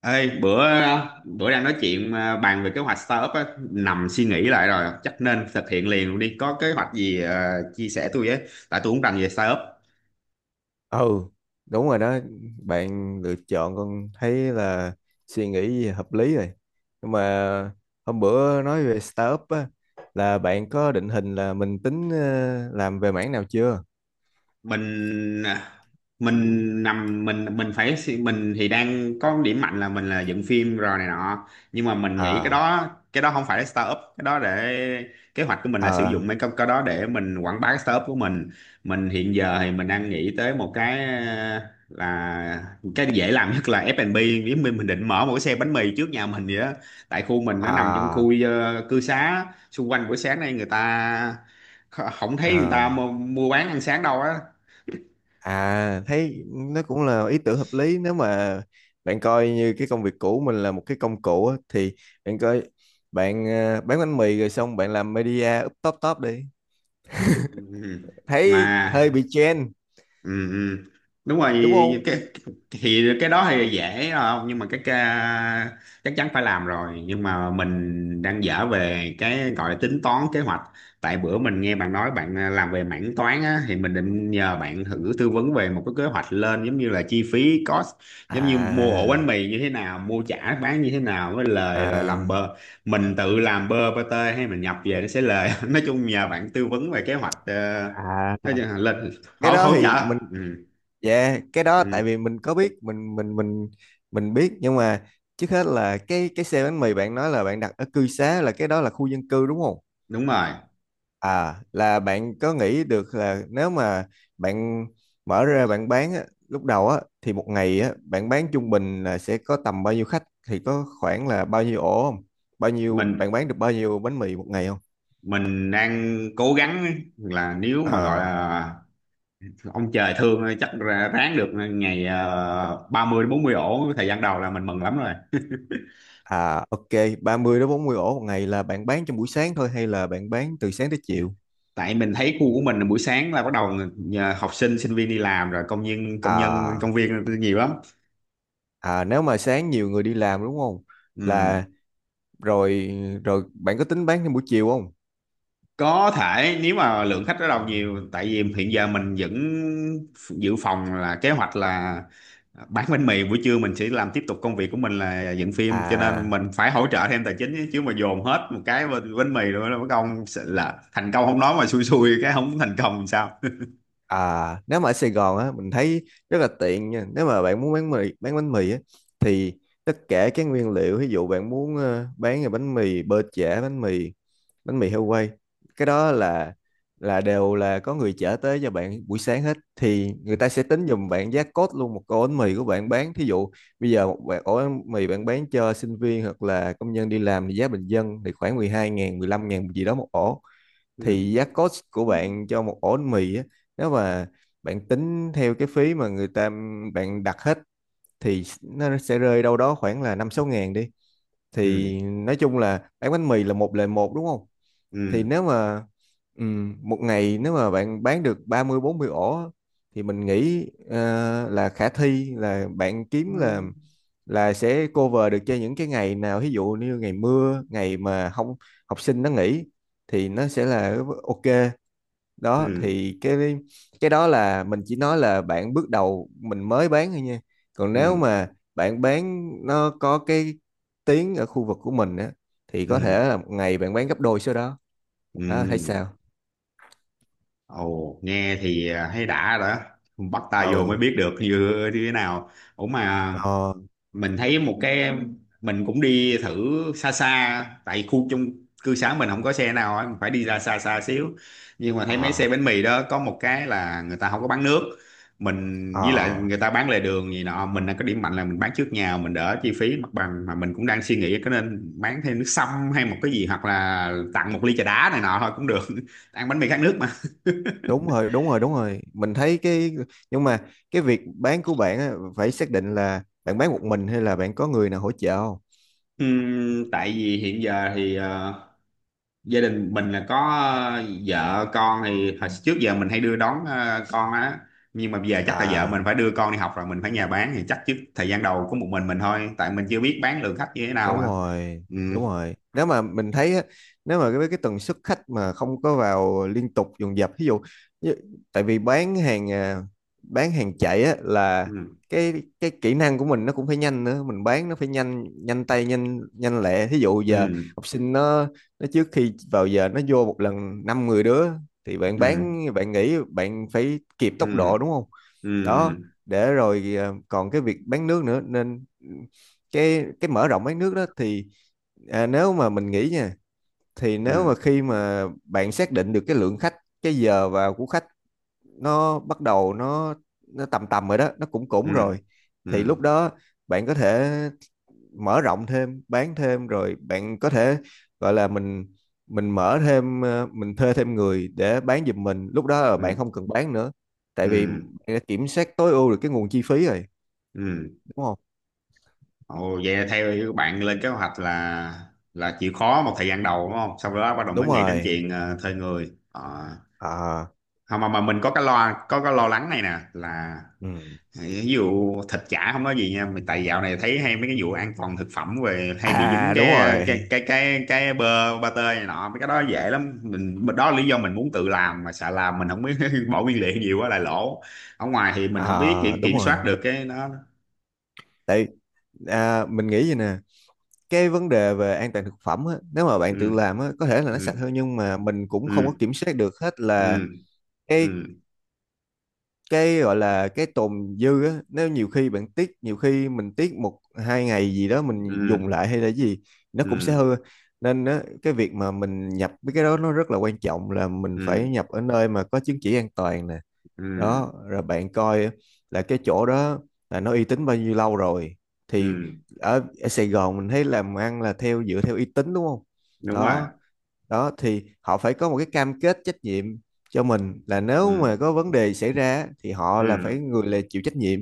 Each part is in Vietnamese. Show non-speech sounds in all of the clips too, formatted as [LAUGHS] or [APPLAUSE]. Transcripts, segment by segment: Ê, bữa bữa đang nói chuyện à, bàn về kế hoạch startup á, nằm suy nghĩ lại rồi chắc nên thực hiện liền luôn đi, có kế hoạch gì à, chia sẻ tôi với. Tại tôi cũng rành về startup. ừ Đúng rồi đó. Bạn lựa chọn con thấy là suy nghĩ hợp lý rồi. Nhưng mà hôm bữa nói về startup á, là bạn có định hình là mình tính làm về mảng nào chưa? Mình à, mình nằm mình phải suy- Mình thì đang có điểm mạnh là mình là dựng phim rồi này nọ, nhưng mà mình nghĩ À, cái đó không phải là startup. Cái đó để Kế hoạch của mình là sử dụng à, cái đó để mình quảng bá cái startup của mình. Mình hiện giờ thì mình đang nghĩ tới một cái, ờ, là cái dễ làm nhất là F&B. Nếu mình định mở một cái xe bánh mì trước nhà mình vậy đó. Tại khu mình nó nằm trong à, khu, cư xá xung quanh buổi sáng nay người ta không thấy người ta à, mua bán ăn sáng đâu á. à, thấy nó cũng là ý tưởng hợp lý. Nếu mà bạn coi như cái công việc cũ mình là một cái công cụ á, thì bạn coi, bạn bán bánh mì rồi xong bạn làm media up top top đi, Ừ. thấy hơi Mà. bị trend, Ừ, ừ. Đúng rồi, đúng không? Thì cái đó thì dễ không, nhưng mà cái chắc chắn phải làm rồi. Nhưng mà mình đang dở về cái gọi là tính toán kế hoạch. Tại bữa mình nghe bạn nói bạn, làm về mảng toán á, thì mình định nhờ bạn thử tư vấn về một cái kế hoạch lên, giống như là chi phí cost, giống như mua À, ổ bánh mì như thế nào, mua chả bán như thế nào với lời, rồi làm à, bơ. Mình tự làm bơ pate hay mình nhập về nó sẽ lời, [LAUGHS] nói chung nhờ bạn tư vấn về kế hoạch, nói chung à, là lên cái hỗ đó hỗ trợ. thì mình, Ừ, dạ cái đó ừ, tại vì mình có biết, mình mình biết nhưng mà trước hết là cái xe bánh mì bạn nói là bạn đặt ở cư xá, là cái đó là khu dân cư đúng không? đúng rồi. À, là bạn có nghĩ được là nếu mà bạn mở ra bạn bán á, lúc đầu á thì một ngày á bạn bán trung bình là sẽ có tầm bao nhiêu khách, thì có khoảng là bao nhiêu ổ không? Bao nhiêu, mình bạn bán được bao nhiêu bánh mì một ngày không? mình đang cố gắng là nếu mà gọi À. là ông trời thương, chắc ráng được ngày, 30 đến 40 ổ thời gian đầu, là mình mừng lắm rồi. À, ok, 30 đến 40 ổ một ngày là bạn bán trong buổi sáng thôi hay là bạn bán từ sáng tới chiều? Tại mình thấy khu của mình là buổi sáng là bắt đầu nhờ học sinh sinh viên đi làm, rồi công nhân À, công viên nhiều lắm. à, nếu mà sáng nhiều người đi làm đúng không? Ừ. Là, rồi, rồi bạn có tính bán trong buổi chiều không? Có thể, nếu mà lượng khách bắt đầu nhiều. Tại vì hiện giờ mình vẫn dự phòng là kế hoạch là bán bánh mì buổi trưa, mình sẽ làm tiếp tục công việc của mình là dựng phim, cho nên À. mình phải hỗ trợ thêm tài chính, chứ chứ mà dồn hết một cái bên bánh mì rồi nó công sẽ là thành công không, nói mà xui xui cái không thành công làm sao. À, nếu mà ở Sài Gòn á, mình thấy rất là tiện nha. Nếu mà bạn muốn bán mì, bán bánh mì á, thì tất cả các nguyên liệu, ví dụ bạn muốn bán là bánh mì bơ chả, bánh mì heo quay, cái đó là đều là có người chở tới cho bạn buổi sáng hết, thì người ta sẽ tính giùm bạn giá cốt luôn một ổ bánh mì của bạn bán. Thí dụ bây giờ một ổ bánh mì bạn bán cho sinh viên hoặc là công nhân đi làm thì giá bình dân thì khoảng 12 ngàn, 15 ngàn gì đó một ổ, Ừ, thì giá cost của bạn cho một ổ bánh mì á, nếu mà bạn tính theo cái phí mà người ta bạn đặt hết thì nó sẽ rơi đâu đó khoảng là 5 6 ngàn đi. ừ, Thì nói chung là bán bánh mì là một lời một, đúng không? Thì ừ, nếu mà một ngày nếu mà bạn bán được ba mươi bốn mươi ổ á, thì mình nghĩ là khả thi là bạn kiếm là sẽ cover được cho những cái ngày nào ví dụ như ngày mưa, ngày mà không học sinh nó nghỉ, thì nó sẽ là ok. Đó ừ, thì cái đó là mình chỉ nói là bạn bước đầu mình mới bán thôi nha, còn ừ, nếu mà bạn bán nó có cái tiếng ở khu vực của mình á thì có thể ừ, là một ngày bạn bán gấp đôi số đó. Đó thấy ừ. sao? Ồ, nghe thì, thấy đã rồi đó. Bắt tay vô mới Ừ, biết được như thế nào. Ủa mà ờ, mình thấy một cái, mình cũng đi thử xa xa. Tại khu chung cư xá mình không có xe nào á, mình phải đi ra xa xa xíu. Nhưng mà thấy mấy ờ, xe bánh mì đó có một cái là người ta không có bán nước. Mình ờ, với lại người ta bán lề đường gì nọ, mình là có điểm mạnh là mình bán trước nhà mình đỡ chi phí mặt bằng. Mà mình cũng đang suy nghĩ có nên bán thêm nước sâm hay một cái gì, hoặc là tặng một ly trà đá này nọ thôi cũng được, [LAUGHS] ăn bánh mì khát nước mà. đúng rồi, đúng rồi, đúng rồi, mình thấy cái, nhưng mà cái việc bán của bạn á, phải xác định là bạn bán một mình hay là bạn có người nào hỗ trợ không? Tại vì hiện giờ thì, gia đình mình là có, vợ con thì hồi trước giờ mình hay đưa đón, con á, nhưng mà bây giờ chắc là vợ mình À, phải đưa con đi học rồi mình phải nhà bán. Thì chắc trước thời gian đầu có một mình thôi, tại mình chưa biết bán lượng khách như thế nào đúng mà. rồi, Ừ, đúng rồi, nếu mà mình thấy á, nếu mà cái tần suất khách mà không có vào liên tục dồn dập ví dụ như, tại vì bán hàng à, bán hàng chạy á, là ừ, cái cái kỹ năng của mình nó cũng phải nhanh nữa, mình bán nó phải nhanh, nhanh tay nhanh, nhanh lẹ, ví dụ giờ ừ, học sinh nó trước khi vào giờ nó vô một lần năm 10 đứa, thì bạn ừ, bán bạn nghĩ bạn phải kịp ừ, tốc độ đúng không? ừ, Đó. Để rồi à, còn cái việc bán nước nữa nên cái mở rộng bán nước đó thì à, nếu mà mình nghĩ nha, thì nếu mà ừ, khi mà bạn xác định được cái lượng khách, cái giờ vào của khách, nó bắt đầu nó tầm tầm rồi đó, nó cũng cũng ừ, rồi, ừ, thì lúc đó bạn có thể mở rộng thêm bán thêm, rồi bạn có thể gọi là mình mở thêm mình thuê thêm người để bán giùm mình, lúc đó là bạn ừ, không cần bán nữa, tại vì bạn ừ, đã kiểm soát tối ưu được cái nguồn chi phí rồi, ừ. đúng không? Ừ, Ồ, vậy là theo bạn lên kế hoạch là chịu khó một thời gian đầu đúng không, sau đó bắt đầu mới đúng nghĩ đến rồi. chuyện, thuê người. Ờ. À, Không, mà mình có cái lo lắng này nè, là ừ. ví dụ thịt chả không có gì nha mình. Tại dạo này thấy hay mấy cái vụ an toàn thực phẩm về hay bị dính À đúng cái rồi, bơ ba tơ này nọ, mấy cái đó dễ lắm mình. Đó là lý do mình muốn tự làm mà sợ làm mình không biết, [LAUGHS] bỏ nguyên liệu nhiều quá lại lỗ. Ở ngoài thì mình không biết kiểm à đúng kiểm soát rồi, được cái đó. tại à, mình nghĩ vậy nè, cái vấn đề về an toàn thực phẩm á, nếu mà bạn tự Ừ, làm á, có thể là nó ừ, sạch hơn, nhưng mà mình cũng không có ừ, kiểm soát được hết là ừ, ừ, cái cái gọi là cái tồn dư á, nếu nhiều khi bạn tiếc, nhiều khi mình tiếc một hai ngày gì đó mình dùng ừ, lại hay là gì, nó cũng sẽ ừ, hư, nên á, cái việc mà mình nhập mấy cái đó nó rất là quan trọng là mình ừ, phải ừ, nhập ở nơi mà có chứng chỉ an toàn nè. ừ, Đó, rồi bạn coi là cái chỗ đó là nó uy tín bao nhiêu lâu rồi. Thì ừ, ở, ở Sài Gòn mình thấy làm ăn là theo dựa theo uy tín, đúng không? đúng rồi, Đó, đó thì họ phải có một cái cam kết trách nhiệm cho mình, là nếu ừ, mà có vấn đề xảy ra thì họ ừ, là phải người là chịu trách nhiệm.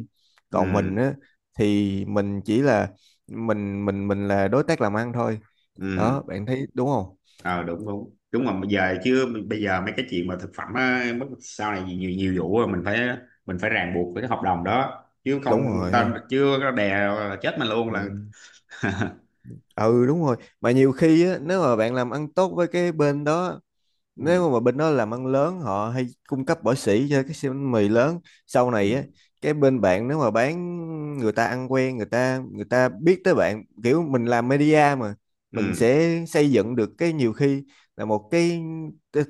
ừ, Còn mình á, thì mình chỉ là mình là đối tác làm ăn thôi. ừ. Đó bạn thấy đúng không? Ờ Đúng, đúng, đúng. Mà bây giờ mấy cái chuyện mà thực phẩm á, sau này nhiều nhiều vụ rồi, mình phải ràng buộc với cái hợp đồng đó, chứ không Đúng ta rồi. chưa có đè là chết mình luôn Ừ, là. ừ đúng rồi, mà nhiều khi á, nếu mà bạn làm ăn tốt với cái bên đó, Ừ, nếu mà bên đó làm ăn lớn họ hay cung cấp bỏ sỉ cho cái siêu bánh mì lớn sau này á, ừ, cái bên bạn nếu mà bán, người ta ăn quen, người ta biết tới bạn, kiểu mình làm media mà, mình ừ, sẽ xây dựng được cái, nhiều khi là một cái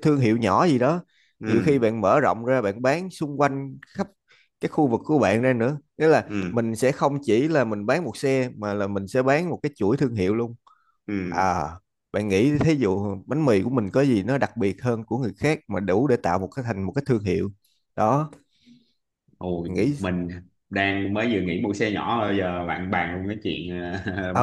thương hiệu nhỏ gì đó. Nhiều khi ừ, bạn mở rộng ra bạn bán xung quanh khắp cái khu vực của bạn ra nữa, nghĩa là ừ, mình sẽ không chỉ là mình bán một xe, mà là mình sẽ bán một cái chuỗi thương hiệu luôn. ừ. À, bạn nghĩ thí dụ bánh mì của mình có gì nó đặc biệt hơn của người khác, mà đủ để tạo một cái thành một cái thương hiệu? Đó, Ôi, nghĩ. mình đang mới vừa nghỉ mua xe nhỏ rồi giờ bạn bàn luôn cái chuyện,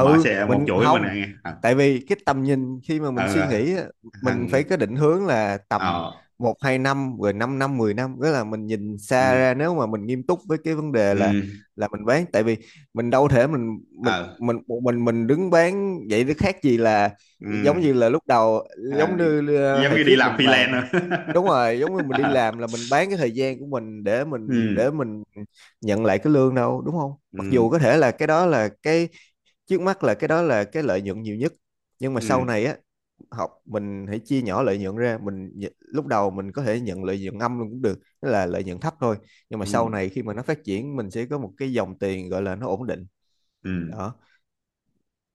[LAUGHS] mở xe một mình chuỗi mình không, nghe ờ tại vì cái tầm nhìn khi mà ờ mình suy ờ, nghĩ á, mình thằng phải có định hướng là tầm ờ một hai năm, rồi 5 năm năm, mười năm, nghĩa là mình nhìn xa Ừ, ra, nếu mà mình nghiêm túc với cái vấn đề ừ, là mình bán. Tại vì mình đâu thể mình mình ờ mình một mình đứng bán vậy, nó khác gì là ừ. giống như là lúc đầu, à, giống đi, như Giống hồi như đi trước làm mình freelance bàn. rồi. [LAUGHS] Đúng rồi, giống như mình đi làm là mình bán cái thời gian của mình để mình để Ừ, mình nhận lại cái lương đâu đúng không? Mặc dù ừ. có thể là cái đó là cái trước mắt, là cái đó là cái lợi nhuận nhiều nhất, nhưng mà sau Ừ, này á, học mình hãy chia nhỏ lợi nhuận ra, mình lúc đầu mình có thể nhận lợi nhuận âm luôn cũng được, tức là lợi nhuận thấp thôi, nhưng mà ừ, sau này khi mà nó phát triển mình sẽ có một cái dòng tiền gọi là nó ổn định. ừm. Đó.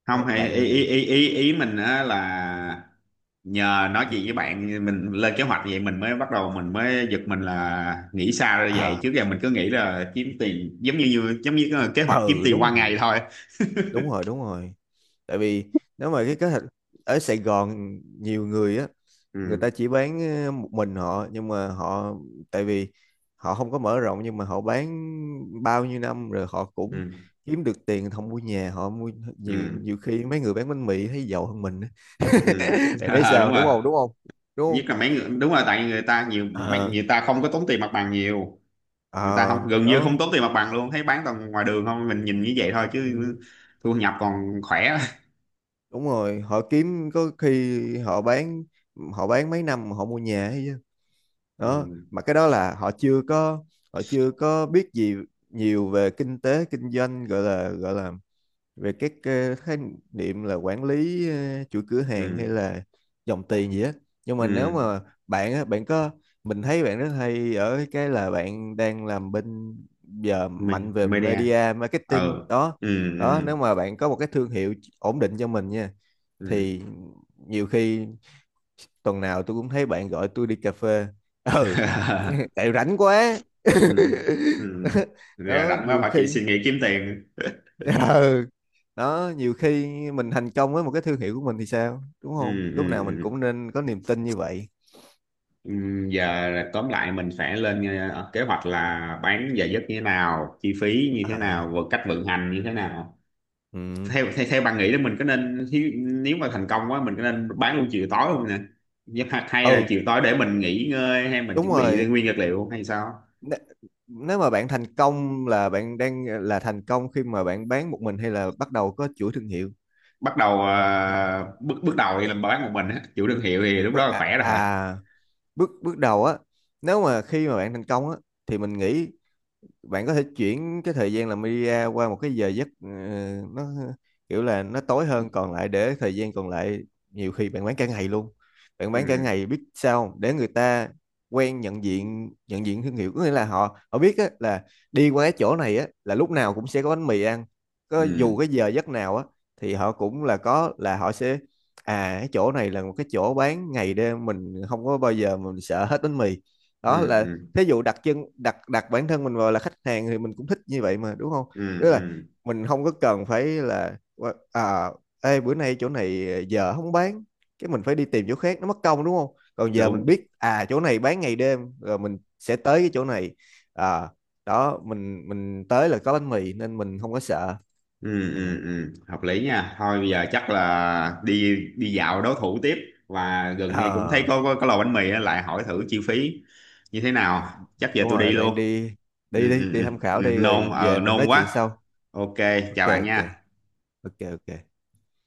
Không, Ờ, hay ý ý bạn. ý ý, ý mình á là nhờ nói chuyện với Ừ. bạn mình lên kế hoạch vậy, mình mới bắt đầu mình mới giật mình là nghĩ xa ra vậy. À, Trước giờ mình cứ nghĩ là kiếm tiền giống như như- giống như cái kế hoạch kiếm ừ tiền đúng qua rồi, ngày thôi. đúng rồi, đúng rồi, tại vì nếu mà cái kế hoạch ở Sài Gòn nhiều người á, người ta Ừ, chỉ bán một mình họ, nhưng mà họ, tại vì họ không có mở rộng, nhưng mà họ bán bao nhiêu năm rồi họ cũng ừ, kiếm được tiền, không mua nhà họ mua. Nhiều, ừ, nhiều khi mấy người bán bánh mì thấy giàu hơn mình á. [LAUGHS] ừ. [LAUGHS] Bạn thấy Ờ, sao, đúng đúng rồi. không, đúng không, đúng Nhất là mấy không? người, đúng rồi, tại người ta nhiều, mấy Ờ, người ta không có tốn tiền mặt bằng nhiều. Người ta không, ờ gần như đó. không tốn tiền mặt bằng luôn. Thấy bán toàn ngoài đường không, mình nhìn như vậy thôi chứ Ừ, thu nhập còn khỏe. đúng rồi họ kiếm, có khi họ bán, họ bán mấy năm mà họ mua nhà ấy chứ. [LAUGHS] Đó, Ừ, mà cái đó là họ chưa có biết gì nhiều về kinh tế kinh doanh, gọi là, gọi là về các khái niệm là quản lý chuỗi cửa hàng hay ừ, là dòng tiền gì á. Nhưng mà nếu ừ. mà bạn á bạn có, mình thấy bạn rất hay ở cái là bạn đang làm bên giờ mạnh mình về mới đe media ờ marketing đó. Ừ, Đó ừ, nếu mà bạn có một cái thương hiệu ổn định cho mình nha, ừ, thì nhiều khi tuần nào tôi cũng thấy bạn gọi tôi đi cà phê. [LAUGHS] Ừ, [LAUGHS] tại rảnh quá. ừ, ừ. [LAUGHS] Giờ Đó rảnh quá nhiều phải chị khi. suy nghĩ kiếm tiền. [LAUGHS] Ừ, đó nhiều khi mình thành công với một cái thương hiệu của mình thì sao, đúng không, Ừ, ừ, lúc nào mình ừ. cũng nên có niềm tin như vậy. Ừ, giờ là tóm lại mình sẽ lên, kế hoạch là bán giờ giấc như thế nào, chi phí như thế À, nào và cách vận hành như thế nào. ừ, Theo theo, Theo bạn nghĩ là mình có nên nếu mà thành công quá mình có nên bán luôn chiều tối không nè? Nhưng mà hay là ừ, chiều tối để mình nghỉ ngơi hay mình đúng chuẩn bị rồi. nguyên vật liệu hay sao? N-, nếu mà bạn thành công là bạn đang là thành công khi mà bạn bán một mình, hay là bắt đầu có chuỗi thương hiệu? Bắt đầu, ờ, bước bước đầu thì làm bán một mình á, chủ thương hiệu thì lúc đó Bước là à, khỏe rồi. à, bước bước đầu á, nếu mà khi mà bạn thành công á, thì mình nghĩ bạn có thể chuyển cái thời gian làm media qua một cái giờ giấc nó kiểu là nó tối hơn, còn lại để thời gian còn lại, nhiều khi bạn bán cả ngày luôn. Bạn bán cả Ừ, ngày biết sao không? Để người ta quen nhận diện, nhận diện thương hiệu, có nghĩa là họ, họ biết á, là đi qua cái chỗ này á, là lúc nào cũng sẽ có bánh mì ăn, có dù ừ, cái giờ giấc nào á, thì họ cũng là có, là họ sẽ à cái chỗ này là một cái chỗ bán ngày đêm, mình không có bao giờ mình sợ hết bánh mì. Đó ừ, là ừ, thí dụ đặt chân đặt, đặt bản thân mình vào là khách hàng, thì mình cũng thích như vậy mà đúng không? ừ, Tức là ừ, mình không có cần phải là à, ê bữa nay chỗ này giờ không bán, cái mình phải đi tìm chỗ khác nó mất công, đúng không? Còn giờ đúng, mình biết à chỗ này bán ngày đêm rồi mình sẽ tới cái chỗ này. À, đó mình tới là có bánh mì nên mình không có sợ. Ừ. ừ, ừ, ừ, hợp lý nha. Thôi bây giờ chắc là đi, đi dạo đối thủ tiếp. Và gần đây cũng thấy À, có lò bánh mì á, lại hỏi thử chi phí như thế nào. Chắc giờ đúng tôi đi rồi luôn. bạn đi, Ừ, đi đi ừ, đi ừ, tham ừ, khảo đi rồi về mình nôn nói chuyện quá. sau. OK. Ok, Chào bạn ok, nha. ok, ok.